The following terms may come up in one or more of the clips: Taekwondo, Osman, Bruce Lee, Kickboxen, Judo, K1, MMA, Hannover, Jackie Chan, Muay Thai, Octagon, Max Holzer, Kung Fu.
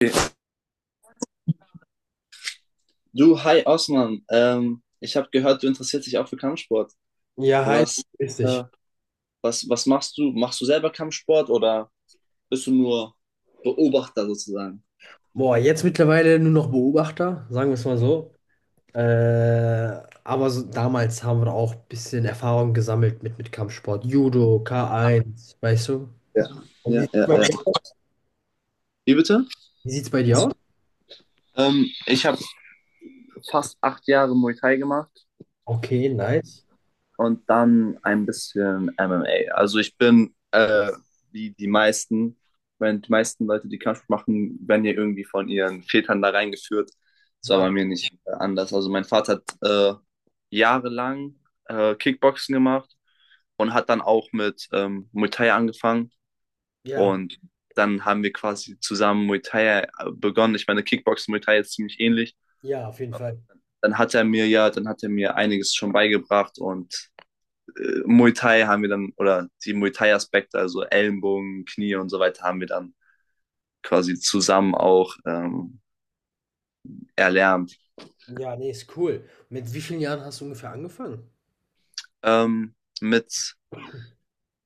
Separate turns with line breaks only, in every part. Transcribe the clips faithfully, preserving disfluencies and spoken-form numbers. Okay. Du, hi Osman. Ähm, ich habe gehört, du interessierst dich auch für Kampfsport.
Ja, halt,
Was, äh,
richtig.
was, was machst du? Machst du selber Kampfsport oder bist du nur Beobachter sozusagen?
Boah, jetzt mittlerweile nur noch Beobachter, sagen wir es mal so. Äh, aber so, damals haben wir auch ein bisschen Erfahrung gesammelt mit, mit Kampfsport. Judo, K eins, weißt du?
Ja,
Und wie
ja,
sieht's
ja,
bei
ja.
dir aus?
Wie bitte?
Wie sieht's bei dir aus?
Ähm, ich habe fast acht Jahre Muay Thai gemacht
Okay, nice.
und dann ein bisschen M M A. Also ich bin, äh, wie die meisten, wenn die meisten Leute, die Kampfsport machen, werden ja irgendwie von ihren Vätern da reingeführt. Das war
Ja,
bei mir nicht äh, anders. Also mein Vater hat äh, jahrelang äh, Kickboxen gemacht und hat dann auch mit ähm, Muay Thai angefangen.
ja,
Und dann haben wir quasi zusammen Muay Thai äh, begonnen. Ich meine, Kickboxen Muay Thai ist ziemlich ähnlich.
ja, auf jeden
Äh,
Fall.
Dann hat er mir ja, dann hat er mir einiges schon beigebracht und äh, Muay Thai haben wir dann, oder die Muay Thai-Aspekte, also Ellenbogen, Knie und so weiter, haben wir dann quasi zusammen auch ähm, erlernt.
Ja, nee, ist cool. Mit wie vielen Jahren hast du ungefähr angefangen?
Ähm, mit,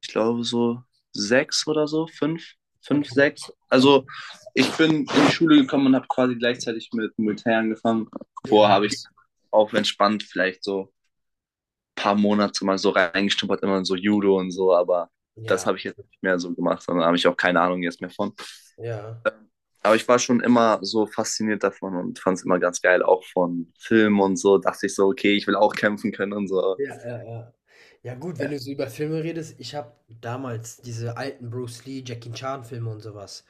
Ich glaube, so sechs oder so, fünf,
Okay,
fünf,
okay.
sechs. Also ich bin in die Schule gekommen und habe quasi gleichzeitig mit Muay Thai angefangen.
Ja,
Vorher habe ich
nice.
auch entspannt vielleicht so ein paar Monate mal so reingestumpert, immer in so Judo und so, aber das
Ja,
habe ich jetzt nicht mehr so gemacht, sondern habe ich auch keine Ahnung jetzt mehr von.
ja.
Aber ich war schon immer so fasziniert davon und fand es immer ganz geil, auch von Filmen und so. Dachte ich so, okay, ich will auch kämpfen können und so.
Ja, ja, ja. Ja gut, wenn
Ja,
du so über Filme redest, ich habe damals diese alten Bruce Lee, Jackie Chan Filme und sowas.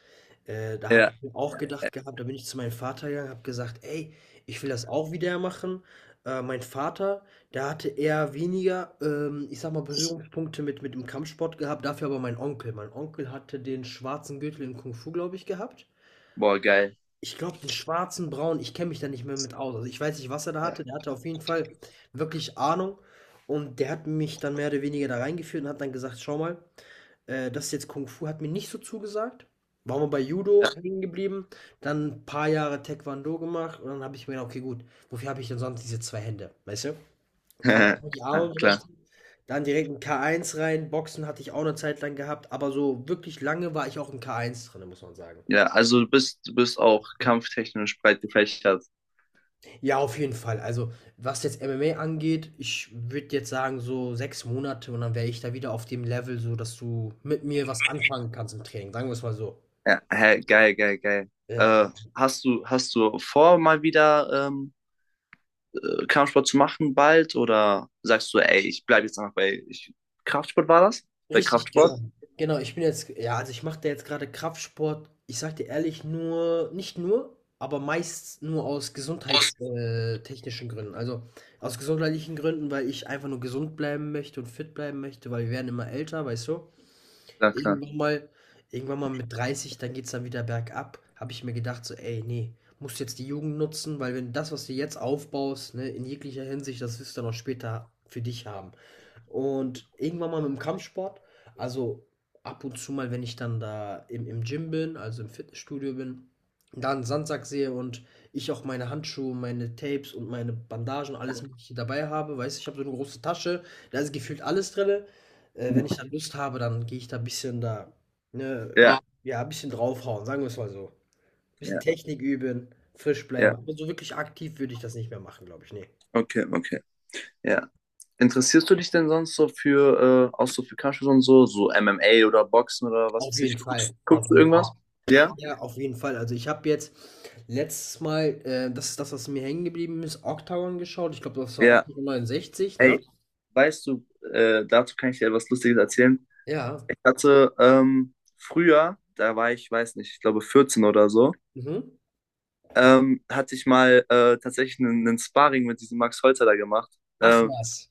Äh, da habe
ja.
ich mir auch gedacht gehabt, da bin ich zu meinem Vater gegangen, habe gesagt, ey, ich will das auch wieder machen. Äh, mein Vater, der hatte eher weniger, ähm, ich sag mal, Berührungspunkte mit, mit dem Kampfsport gehabt, dafür aber mein Onkel. Mein Onkel hatte den schwarzen Gürtel in Kung Fu, glaube ich, gehabt.
Boah, geil.
Ich glaube, den schwarzen, Braun. Ich kenne mich da nicht mehr mit aus. Also, ich weiß nicht, was er da
Ja.
hatte. Der hatte auf jeden Fall wirklich Ahnung und der hat mich dann mehr oder weniger da reingeführt und hat dann gesagt: „Schau mal, äh, das ist jetzt Kung Fu“, hat mir nicht so zugesagt. Waren wir bei Judo
Ja.
hängen geblieben, dann ein paar Jahre Taekwondo gemacht und dann habe ich mir gedacht: „Okay, gut, wofür habe ich denn sonst diese zwei Hände?“ Weißt du? Kann man nur die Arme
Ja, klar.
benutzen. Dann direkt ein K eins rein. Boxen hatte ich auch eine Zeit lang gehabt, aber so wirklich lange war ich auch in K eins drin, muss man sagen.
Ja, also du bist, du bist auch kampftechnisch breit gefächert.
Ja, auf jeden Fall. Also, was jetzt M M A angeht, ich würde jetzt sagen, so sechs Monate und dann wäre ich da wieder auf dem Level, so dass du mit mir was anfangen kannst im Training. Sagen wir es mal so.
Ja, hä, geil, geil, geil.
Ja,
Äh, hast du, hast du vor, mal wieder ähm, Kampfsport zu machen bald? Oder sagst du, ey, ich bleibe jetzt einfach bei ich, Kraftsport war das? Bei
richtig,
Kraftsport?
genau. Genau, ich bin jetzt, ja, also ich mache da jetzt gerade Kraftsport. Ich sag dir ehrlich, nur, nicht nur, aber meist nur aus gesundheitstechnischen Gründen. Also aus gesundheitlichen Gründen, weil ich einfach nur gesund bleiben möchte und fit bleiben möchte, weil wir werden immer älter, weißt du?
Ja, klar.
Irgendwann mal irgendwann mal mit dreißig, dann geht's dann wieder bergab, habe ich mir gedacht so: „Ey, nee, musst jetzt die Jugend nutzen, weil wenn das, was du jetzt aufbaust, ne, in jeglicher Hinsicht, das wirst du dann auch später für dich haben.“ Und irgendwann mal mit'm Kampfsport, also, ab und zu mal, wenn ich dann da im im Gym bin, also im Fitnessstudio bin, da 'n Sandsack sehe und ich auch meine Handschuhe, meine Tapes und meine Bandagen, alles Mögliche dabei habe, weißt du? Ich habe so eine große Tasche, da ist gefühlt alles drin. Äh, wenn ich dann Lust habe, dann gehe ich da ein bisschen da, ne,
Ja.
ja, ein bisschen draufhauen, sagen wir es mal so. Ein
Ja,
bisschen
ja,
Technik üben, frisch
ja.
bleiben, aber so wirklich aktiv würde ich das nicht mehr machen, glaube ich, ne.
Okay, okay. Ja. Interessierst du dich denn sonst so für, äh, auch so für Kampfsport und so, so M M A oder Boxen oder was
Auf
weiß ich?
jeden
Guckst,
Fall, auf
guckst du
jeden Fall.
irgendwas? Ja?
Ja, auf jeden Fall. Also, ich habe jetzt letztes Mal, äh, das ist das, was mir hängen geblieben ist, Octagon geschaut. Ich glaube, das war
Ja.
Octagon neunundsechzig, ne?
Ey, weißt du, äh, dazu kann ich dir etwas Lustiges erzählen.
Ja.
Ich hatte ähm, früher, da war ich, weiß nicht, ich glaube vierzehn oder so,
Mhm.
ähm, hatte ich mal äh, tatsächlich einen, einen Sparring mit diesem Max Holzer da gemacht.
Ach
Ähm,
was.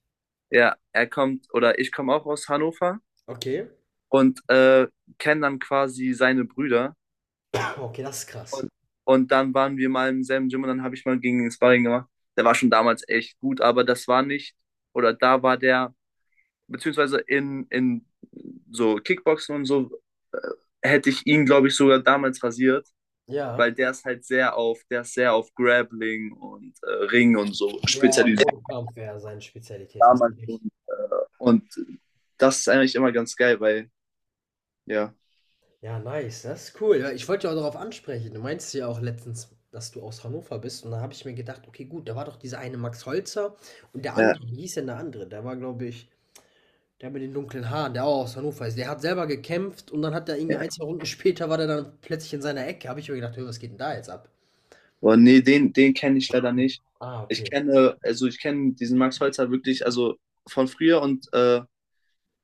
ja, er kommt, oder ich komme auch aus Hannover
Okay.
und äh, kenne dann quasi seine Brüder.
Ah, okay, das ist krass.
Und, und dann waren wir mal im selben Gym und dann habe ich mal gegen den Sparring gemacht. Der war schon damals echt gut, aber das war nicht, oder da war der, beziehungsweise in, in so Kickboxen und so, äh, hätte ich ihn, glaube ich, sogar damals rasiert,
Ja.
weil der ist halt sehr auf, der ist sehr auf Grappling und äh, Ring und so
Ja, ja,
spezialisiert
Bodenkampf wäre seine Spezialität, hast du
damals.
recht.
Und, und das ist eigentlich immer ganz geil, weil, ja.
Ja, nice, das ist cool. Ja, ich wollte ja auch darauf ansprechen. Du meinst ja auch letztens, dass du aus Hannover bist. Und da habe ich mir gedacht, okay, gut, da war doch dieser eine Max Holzer und der
Ja,
andere, wie hieß denn der andere? Der war, glaube ich, der mit den dunklen Haaren, der auch aus Hannover ist. Der hat selber gekämpft und dann hat er irgendwie
ja.
ein, zwei Runden später war der dann plötzlich in seiner Ecke. Habe ich mir gedacht, hey, was geht denn da jetzt ab?
Boah, nee, den, den kenne ich leider nicht.
Ah,
Ich
okay.
kenne, also ich kenne diesen Max Holzer wirklich, also von früher und äh,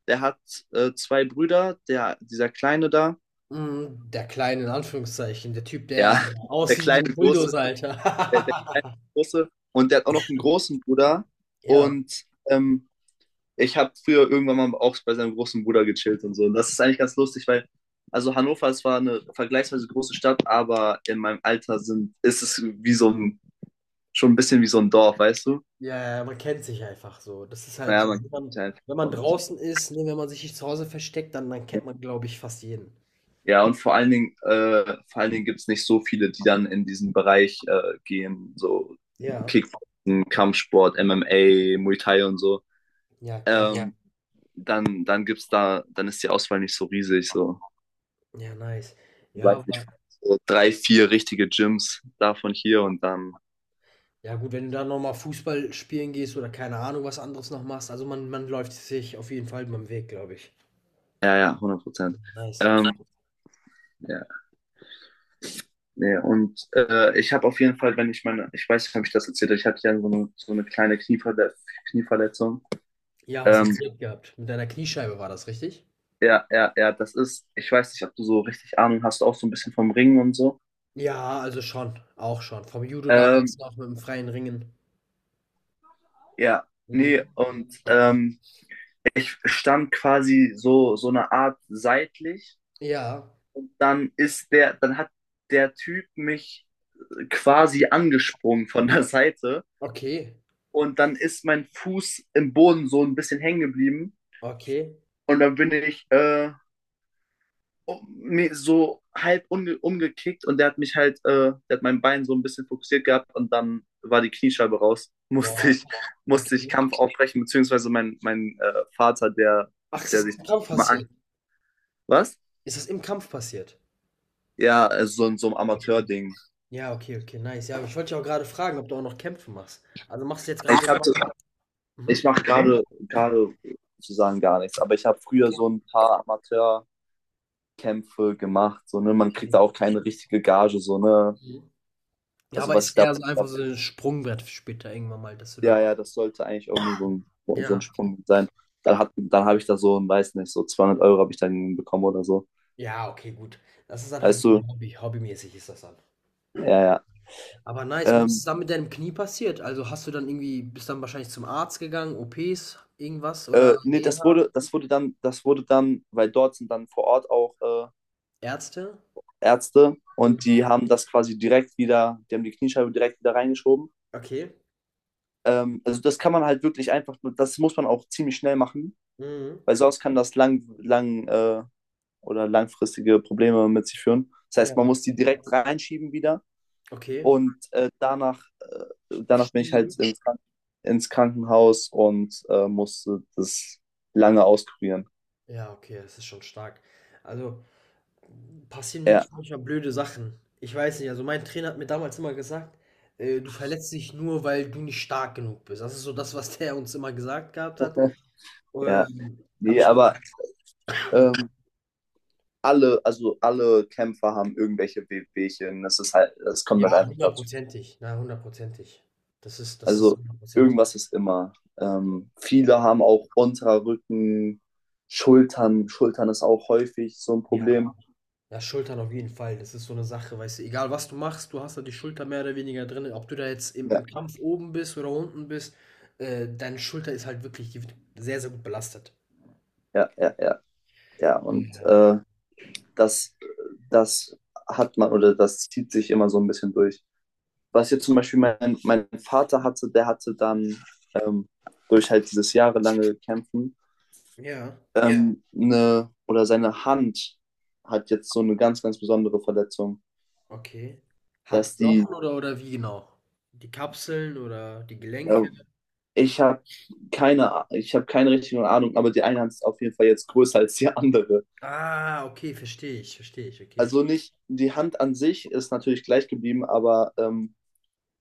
der hat äh, zwei Brüder, der, dieser Kleine da,
Mm, der kleine, in Anführungszeichen, der Typ, der
ja. Der
aussieht wie
kleine
ein
Große,
Bulldozer, Alter.
der, der kleine Große und der hat auch noch einen großen Bruder
Ja.
und ähm, ich habe früher irgendwann mal auch bei seinem großen Bruder gechillt und so. Und das ist eigentlich ganz lustig, weil, also Hannover, es war eine vergleichsweise große Stadt, aber in meinem Alter sind, ist es wie so ein, schon ein bisschen wie so ein Dorf, weißt du?
Ja, ja, ja, man kennt sich einfach so. Das ist halt
Naja,
so, mhm,
man
wenn
kennt
man
sich einfach
wenn man
und
draußen ist, ne, wenn man sich nicht zu Hause versteckt, dann dann kennt man, glaube ich, fast jeden.
ja, und vor allen Dingen, äh, vor allen Dingen gibt es nicht so viele, die dann in diesen Bereich äh, gehen, so
Ja,
Kickboxen, Kampfsport, M M A, Muay Thai und so.
ja,
Ja.
geil.
Ähm, dann, dann gibt's da, dann ist die Auswahl nicht so riesig, so,
Mhm. Ja, nice.
ich
Ja,
weiß
aber
nicht, so drei, vier richtige Gyms davon hier und dann,
ja gut, wenn du dann noch mal Fußball spielen gehst oder keine Ahnung, was anderes noch machst, also man man läuft sich auf jeden Fall beim Weg, glaube ich.
ja, ja, hundert Prozent.
Nice.
Ähm, ja, nee, und äh, ich habe auf jeden Fall, wenn ich meine, ich weiß nicht, ob ich das erzählt, habe ich hatte ja so eine, so eine kleine Knieverle Knieverletzung.
Ja, hast
Ähm,
erzählt gehabt. Mit deiner Kniescheibe war das, richtig?
Ja, ja, ja, das ist, ich weiß nicht, ob du so richtig Ahnung hast, auch so ein bisschen vom Ringen und so.
Ja, also schon, auch schon. Vom Judo damals
Ähm,
noch mit dem freien Ringen.
ja,
Mhm.
nee, und ähm, Ich stand quasi so, so eine Art seitlich
Ja,
und dann ist der, dann hat der Typ mich quasi angesprungen von der Seite
okay,
und dann ist mein Fuß im Boden so ein bisschen hängen geblieben
okay.
und dann bin ich äh, um, so halb umge umgekickt und der hat mich halt, äh, der hat mein Bein so ein bisschen fokussiert gehabt und dann war die Kniescheibe raus. Musste
Boah,
ich, musste ich
okay.
Kampf aufbrechen, beziehungsweise mein, mein äh, Vater, der,
Ach, ist das
der sich
im Kampf
immer an.
passiert?
Was?
Ist das im Kampf passiert?
Ja, also so, so ein Amateur-Ding.
Ja, okay, okay, nice. Ja, aber ich wollte dich auch gerade fragen, ob du auch noch Kämpfe machst. Also machst du jetzt
Ich,
gerade?
hab-
Mhm,
Ich mache gerade gerade sozusagen gar nichts, aber ich habe früher
okay.
so ein paar Amateurkämpfe gemacht, so, ne? Man kriegt da auch keine richtige Gage, so, ne?
Mhm. Ja,
Also
aber
was ich
ist
da,
eher so einfach so ein Sprungbrett für später irgendwann mal, dass du
ja,
da
ja, das sollte eigentlich auch nur so ein, so ein
ja.
Sprung sein. Dann hat, dann habe ich da so, ein, weiß nicht, so zweihundert Euro habe ich dann bekommen oder so.
Ja, okay, gut. Das ist dann halt
Weißt du?
Hobby hobbymäßig ist das dann.
Ja, ja.
Aber nice. Und was
Ähm,
ist dann mit deinem Knie passiert? Also, hast du dann irgendwie bist dann wahrscheinlich zum Arzt gegangen, O Ps, irgendwas oder
äh, nee, das
Reha,
wurde, das wurde dann, das wurde dann, weil dort sind dann vor Ort auch äh,
Ärzte?
Ärzte
Mhm.
und die haben das quasi direkt wieder, die haben die Kniescheibe direkt wieder reingeschoben.
Okay.
Ähm, also das kann man halt wirklich einfach, das muss man auch ziemlich schnell machen,
Mhm.
weil sonst kann das lang, lang äh, oder langfristige Probleme mit sich führen. Das heißt,
Ja.
man muss die direkt reinschieben wieder.
Okay.
Und äh, danach, danach bin ich halt ins, Kranken- ins Krankenhaus und äh, musste das lange auskurieren.
Ja, okay, das ist schon stark. Also, passieren
Ja,
wirklich manchmal blöde Sachen. Ich weiß nicht, also mein Trainer hat mir damals immer gesagt, äh, du verletzt dich nur, weil du nicht stark genug bist. Das ist so das, was der uns immer gesagt gehabt hat.
ja.
Ähm, habe
Nee,
ich mir
aber
gedacht, hm,
ähm, alle, also alle Kämpfer haben irgendwelche Wehwehchen. Das ist halt, das kommt halt
ja,
einfach dazu.
hundertprozentig, na, hundertprozentig. Das ist, das ist
Also
hundertprozentig.
irgendwas ist immer. Ähm, viele haben auch unterer Rücken, Schultern. Schultern ist auch häufig so ein
Ja,
Problem.
ja, Schultern auf jeden Fall. Das ist so eine Sache, weißt du, egal was du machst, du hast da die Schulter mehr oder weniger drin. Ob du da jetzt im
Ja,
im Kampf oben bist oder unten bist, äh, deine Schulter ist halt wirklich die wird sehr, sehr gut belastet.
ja, ja, ja. Ja, und
Ja.
äh, das, das hat man oder das zieht sich immer so ein bisschen durch. Was jetzt zum Beispiel mein, mein Vater hatte, der hatte dann ähm, durch halt dieses jahrelange Kämpfen
Ja,
ähm, ja, eine, oder seine Hand hat jetzt so eine ganz, ganz besondere Verletzung,
okay.
dass die,
Handknochen oder oder wie genau? Die Kapseln oder die Gelenke?
ähm, ich habe keine, ich habe keine richtige Ahnung, aber die eine Hand ist auf jeden Fall jetzt größer als die andere.
Ah, okay, verstehe ich, verstehe ich, okay.
Also nicht, die Hand an sich ist natürlich gleich geblieben, aber ähm,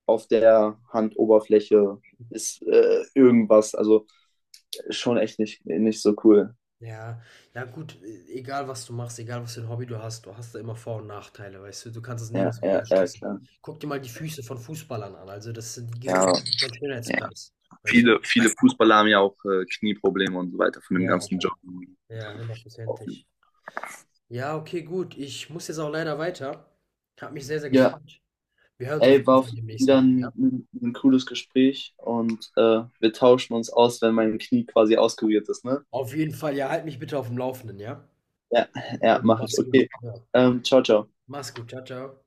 auf der Handoberfläche ist äh, irgendwas. Also schon echt nicht, nicht so cool.
Ja, ja gut, e egal was du machst, egal was für ein Hobby du hast, du hast da immer Vor und Nachteile, weißt du, du kannst es
Ja,
nirgendwo
ja, ja,
ausschließen.
klar.
Guck dir mal die Füße von Fußballern an, also das sind, die gewinnen
Ja,
auf jeden Fall keinen
ja.
Schönheitspreis, weißt du?
Viele, viele Fußballer haben ja auch äh, Knieprobleme und so weiter von dem
Ja,
ganzen Job.
ja, hundertprozentig. Ja, okay, gut, ich muss jetzt auch leider weiter. Hat mich sehr, sehr
Ja,
gefreut. Wir hören uns auf
ey,
jeden
war auf
Fall
jeden Fall
demnächst
wieder
nochmal,
ein,
ja?
ein, ein cooles Gespräch und äh, wir tauschen uns aus, wenn mein Knie quasi auskuriert ist, ne?
Auf jeden Fall, ja, halt mich bitte auf dem Laufenden, ja?
Ja,
Ja,
ja, mache ich.
mach's gut.
Okay.
Ja.
Ähm, ciao, ciao.
Mach's gut, ciao, ciao.